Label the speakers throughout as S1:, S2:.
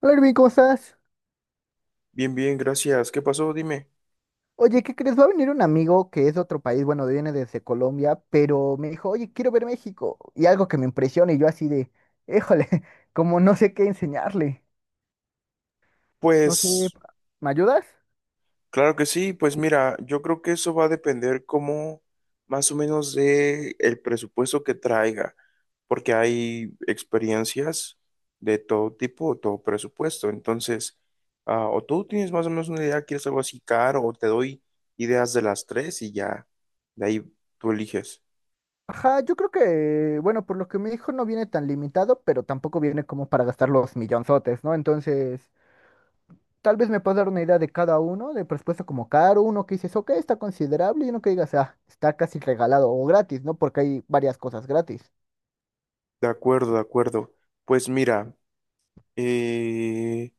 S1: Hola, Irving, ¿cómo estás?
S2: Bien, bien, gracias. ¿Qué pasó? Dime.
S1: Oye, ¿qué crees? Va a venir un amigo que es de otro país, bueno, viene desde Colombia, pero me dijo, oye, quiero ver México. Y algo que me impresiona, y yo así de, híjole, como no sé qué enseñarle. No sé,
S2: Pues,
S1: ¿me ayudas?
S2: claro que sí. Pues mira, yo creo que eso va a depender como más o menos de el presupuesto que traiga, porque hay experiencias de todo tipo, todo presupuesto. Entonces, o tú tienes más o menos una idea, quieres algo así caro, o te doy ideas de las tres y ya, de ahí tú eliges.
S1: Ajá, yo creo que, bueno, por lo que me dijo no viene tan limitado, pero tampoco viene como para gastar los millonzotes, ¿no? Entonces, tal vez me puedas dar una idea de cada uno, de presupuesto como caro, uno que dices, ok, está considerable, y uno que digas, ah, está casi regalado o gratis, ¿no? Porque hay varias cosas gratis.
S2: De acuerdo, de acuerdo. Pues mira, eh,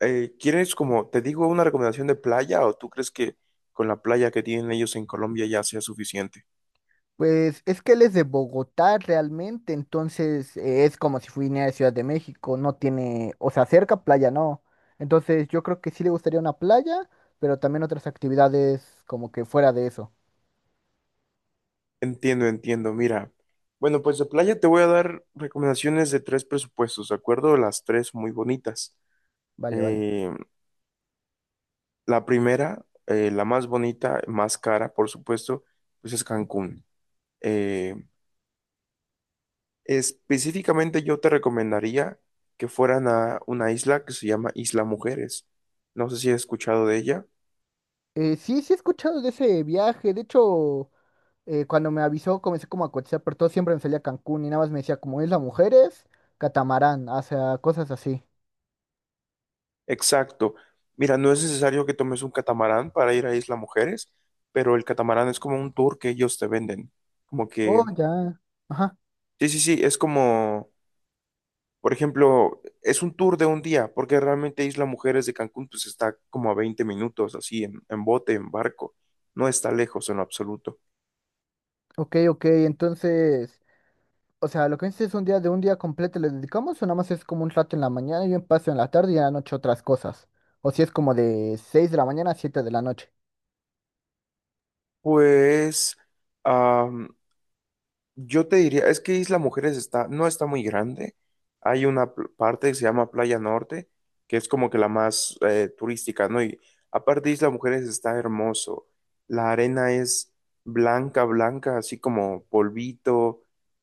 S2: ¿Quieres como, te digo, una recomendación de playa o tú crees que con la playa que tienen ellos en Colombia ya sea suficiente?
S1: Pues es que él es de Bogotá realmente, entonces es como si fuera de Ciudad de México, no tiene, o sea, cerca playa, no. Entonces yo creo que sí le gustaría una playa, pero también otras actividades como que fuera de eso.
S2: Entiendo, entiendo. Mira, bueno, pues de playa te voy a dar recomendaciones de tres presupuestos, ¿de acuerdo? Las tres muy bonitas.
S1: Vale, vale.
S2: Eh, la primera, la más bonita, más cara, por supuesto, pues es Cancún. Eh, Específicamente yo te recomendaría que fueran a una isla que se llama Isla Mujeres. No sé si has escuchado de ella.
S1: Sí, sí he escuchado de ese viaje, de hecho, cuando me avisó comencé como a cotizar, pero todo siempre me salía Cancún y nada más me decía como Isla Mujeres, Catamarán, o sea, cosas así.
S2: Exacto. Mira, no es necesario que tomes un catamarán para ir a Isla Mujeres, pero el catamarán es como un tour que ellos te venden. Como
S1: Oh,
S2: que,
S1: ya. Ajá.
S2: sí, sí, sí, es como, por ejemplo, es un tour de un día, porque realmente Isla Mujeres de Cancún pues está como a 20 minutos, así, en bote, en barco. No está lejos en lo absoluto.
S1: Ok, ok, entonces... O sea, lo que dices es un día de un día completo le dedicamos o nada más es como un rato en la mañana y un paso en la tarde y en la noche otras cosas. O si es como de seis de la mañana a siete de la noche.
S2: Pues, am, yo te diría, es que Isla Mujeres está, no está muy grande. Hay una parte que se llama Playa Norte, que es como que la más turística, ¿no? Y aparte Isla Mujeres está hermoso. La arena es blanca, blanca, así como polvito.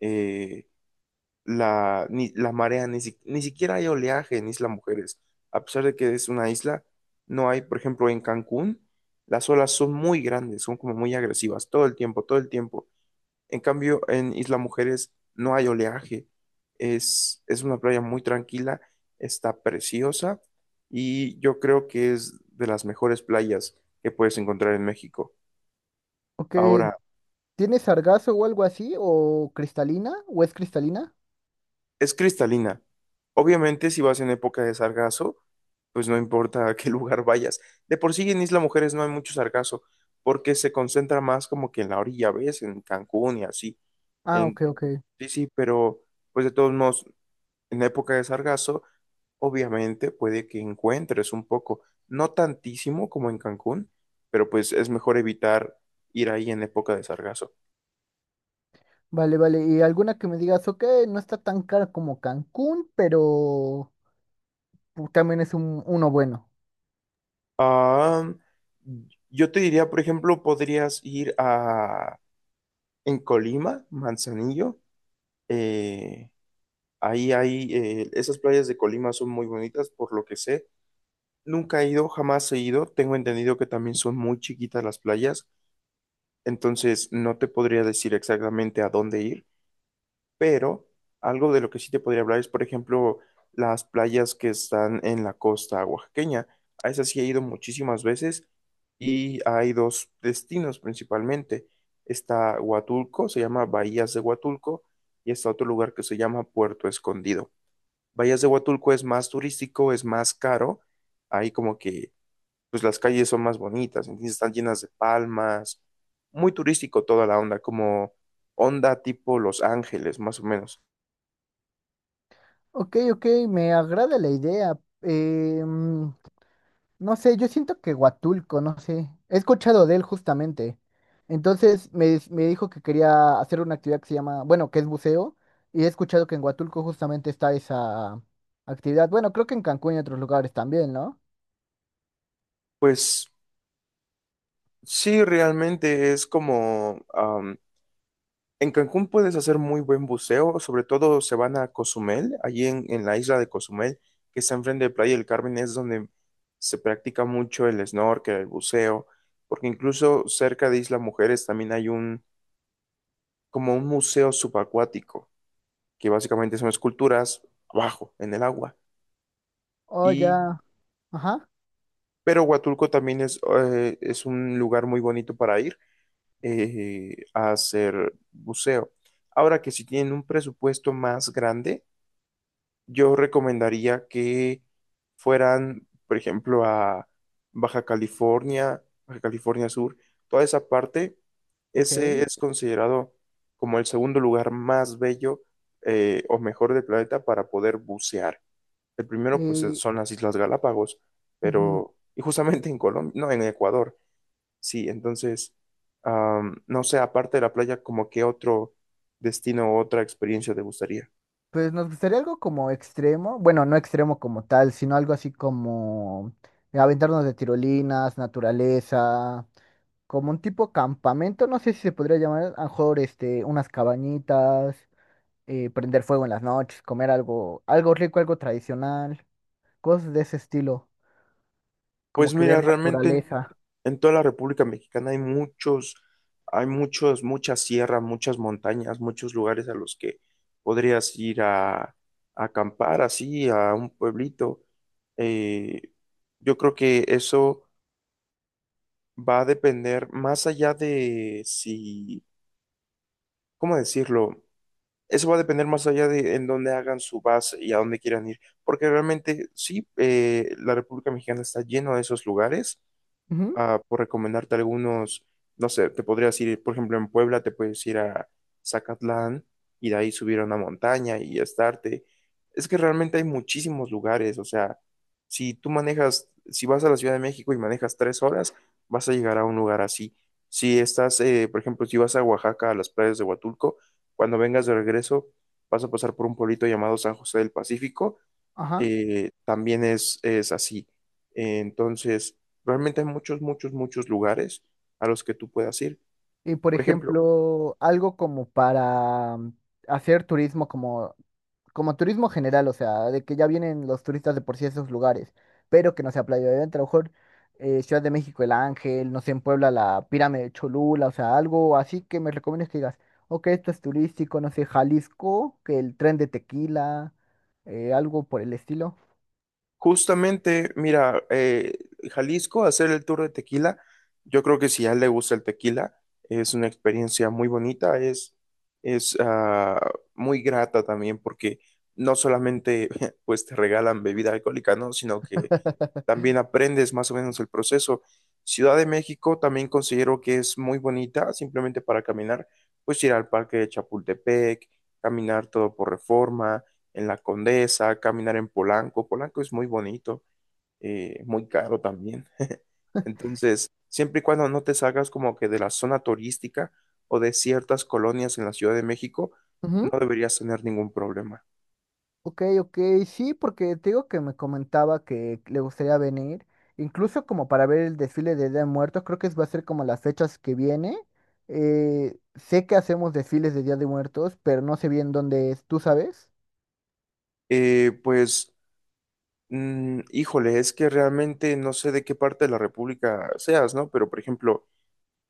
S2: eh, la marea, ni siquiera hay oleaje en Isla Mujeres. A pesar de que es una isla, no hay, por ejemplo, en Cancún, las olas son muy grandes, son como muy agresivas, todo el tiempo, todo el tiempo. En cambio, en Isla Mujeres no hay oleaje. Es una playa muy tranquila, está preciosa y yo creo que es de las mejores playas que puedes encontrar en México.
S1: Ok,
S2: Ahora,
S1: ¿tiene sargazo o algo así? ¿O cristalina? ¿O es cristalina?
S2: es cristalina. Obviamente, si vas en época de sargazo, pues no importa a qué lugar vayas. De por sí en Isla Mujeres no hay mucho sargazo porque se concentra más como que en la orilla, ¿ves? En Cancún y así.
S1: Ah,
S2: En,
S1: ok, ok.
S2: sí, sí, pero pues de todos modos, en época de sargazo obviamente puede que encuentres un poco, no tantísimo como en Cancún, pero pues es mejor evitar ir ahí en época de sargazo.
S1: Vale, vale. Y alguna que me digas, ok, no está tan cara como Cancún, pero también es un, uno bueno.
S2: Ah, yo te diría, por ejemplo, podrías ir a en Colima, Manzanillo. eh, Ahí hay esas playas de Colima son muy bonitas, por lo que sé. Nunca he ido, jamás he ido. Tengo entendido que también son muy chiquitas las playas, entonces no te podría decir exactamente a dónde ir, pero algo de lo que sí te podría hablar es, por ejemplo, las playas que están en la costa oaxaqueña. A esas sí he ido muchísimas veces y hay dos destinos principalmente. Está Huatulco, se llama Bahías de Huatulco, y está otro lugar que se llama Puerto Escondido. Bahías de Huatulco es más turístico, es más caro. Ahí como que, pues las calles son más bonitas, entonces están llenas de palmas. Muy turístico toda la onda, como onda tipo Los Ángeles, más o menos.
S1: Ok, ok, me agrada la idea. Eh, mm, No sé, yo siento que Huatulco, no sé. He escuchado de él justamente. Entonces me dijo que quería hacer una actividad que se llama, bueno, que es buceo. Y he escuchado que en Huatulco justamente está esa actividad. Bueno, creo que en Cancún y otros lugares también, ¿no?
S2: Pues sí, realmente es como, en Cancún puedes hacer muy buen buceo, sobre todo se van a Cozumel, allí en, la isla de Cozumel, que está enfrente de Playa del Carmen, es donde se practica mucho el snorkel, el buceo, porque incluso cerca de Isla Mujeres también hay como un museo subacuático, que básicamente son esculturas abajo, en el agua.
S1: Oh,
S2: Y,
S1: ya. Ajá.
S2: pero Huatulco también es un lugar muy bonito para ir a hacer buceo. Ahora que si tienen un presupuesto más grande, yo recomendaría que fueran, por ejemplo, a Baja California, Baja California Sur, toda esa parte,
S1: Ok.
S2: ese es considerado como el segundo lugar más bello o mejor del planeta para poder bucear. El primero, pues,
S1: Y,
S2: son las Islas Galápagos,
S1: ujú,
S2: pero, y justamente en Colombia, no, en Ecuador. Sí, entonces, no sé, aparte de la playa, ¿como qué otro destino o otra experiencia te gustaría?
S1: pues nos gustaría algo como extremo. Bueno, no extremo como tal, sino algo así como aventarnos de tirolinas, naturaleza. Como un tipo campamento, no sé si se podría llamar, a lo mejor este, unas cabañitas, prender fuego en las noches, comer algo, algo rico, algo tradicional, cosas de ese estilo, como
S2: Pues
S1: que ver
S2: mira, realmente en,
S1: naturaleza.
S2: toda la República Mexicana hay muchos, muchas sierras, muchas montañas, muchos lugares a los que podrías ir a acampar así, a un pueblito. Eh, yo creo que eso va a depender más allá de si, ¿cómo decirlo? Eso va a depender más allá de en dónde hagan su base y a dónde quieran ir, porque realmente sí, la República Mexicana está lleno de esos lugares.
S1: Ujú,
S2: Por recomendarte algunos, no sé, te podrías ir, por ejemplo, en Puebla, te puedes ir a Zacatlán y de ahí subir a una montaña y estarte. Es que realmente hay muchísimos lugares, o sea, si tú manejas, si vas a la Ciudad de México y manejas 3 horas, vas a llegar a un lugar así. Si estás, por ejemplo, si vas a Oaxaca, a las playas de Huatulco, cuando vengas de regreso, vas a pasar por un pueblito llamado San José del Pacífico.
S1: ajá.
S2: También es así. Entonces, realmente hay muchos, muchos, muchos lugares a los que tú puedas ir.
S1: Y por
S2: Por ejemplo,
S1: ejemplo, algo como para hacer turismo como como turismo general, o sea, de que ya vienen los turistas de por sí a esos lugares, pero que no sea Playa de Dentro, a lo mejor Ciudad de México, El Ángel, no sé, en Puebla, la Pirámide de Cholula, o sea, algo así que me recomiendes que digas, ok, esto es turístico, no sé, Jalisco, que el tren de Tequila, algo por el estilo.
S2: justamente, mira, Jalisco, hacer el tour de tequila, yo creo que si a él le gusta el tequila, es una experiencia muy bonita, es ah, muy grata también porque no solamente pues te regalan bebida alcohólica, ¿no? Sino que también aprendes más o menos el proceso. Ciudad de México también considero que es muy bonita, simplemente para caminar, pues ir al Parque de Chapultepec, caminar todo por Reforma, en la Condesa, caminar en Polanco. Polanco es muy bonito, muy caro también. Entonces, siempre y cuando no te salgas como que de la zona turística o de ciertas colonias en la Ciudad de México, no deberías tener ningún problema.
S1: Ok, ok, sí, porque te digo que me comentaba que le gustaría venir, incluso como para ver el desfile de Día de Muertos, creo que va a ser como las fechas que viene. Sé que hacemos desfiles de Día de Muertos, pero no sé bien dónde es, ¿tú sabes?
S2: Pues, híjole, es que realmente no sé de qué parte de la República seas, ¿no? Pero, por ejemplo,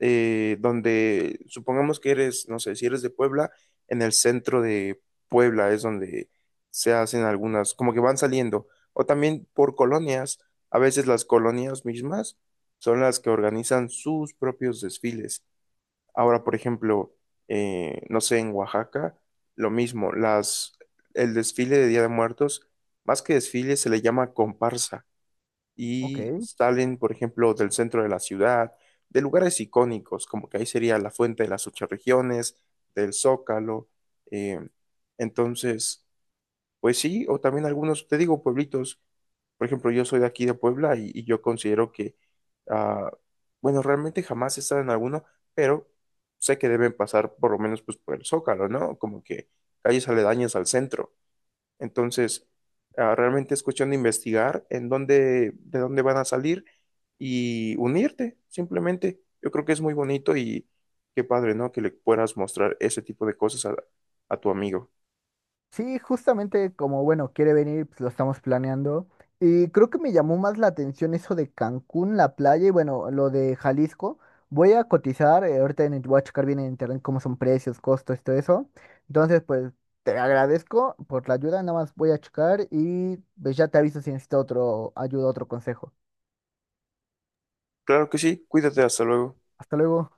S2: donde supongamos que eres, no sé, si eres de Puebla, en el centro de Puebla es donde se hacen algunas, como que van saliendo. O también por colonias, a veces las colonias mismas son las que organizan sus propios desfiles. Ahora, por ejemplo, no sé, en Oaxaca, lo mismo, el desfile de Día de Muertos, más que desfile, se le llama comparsa y
S1: Ok.
S2: salen, por ejemplo, del centro de la ciudad, de lugares icónicos, como que ahí sería la Fuente de las Ocho Regiones, del Zócalo. eh, entonces, pues sí, o también algunos, te digo, pueblitos. Por ejemplo, yo soy de aquí de Puebla y yo considero que, ah, bueno, realmente jamás he estado en alguno, pero sé que deben pasar por lo menos pues por el Zócalo, ¿no? Como que calles aledañas al centro. Entonces, realmente es cuestión de investigar en dónde, de dónde van a salir y unirte, simplemente. Yo creo que es muy bonito y qué padre, ¿no? Que le puedas mostrar ese tipo de cosas a tu amigo.
S1: Sí, justamente como, bueno, quiere venir, pues lo estamos planeando. Y creo que me llamó más la atención eso de Cancún, la playa y bueno, lo de Jalisco. Voy a cotizar, ahorita en, voy a checar bien en internet cómo son precios, costos, todo eso. Entonces, pues te agradezco por la ayuda, nada más voy a checar y pues ya te aviso si necesito otro ayuda, otro consejo.
S2: Claro que sí, cuídate, hasta luego.
S1: Hasta luego.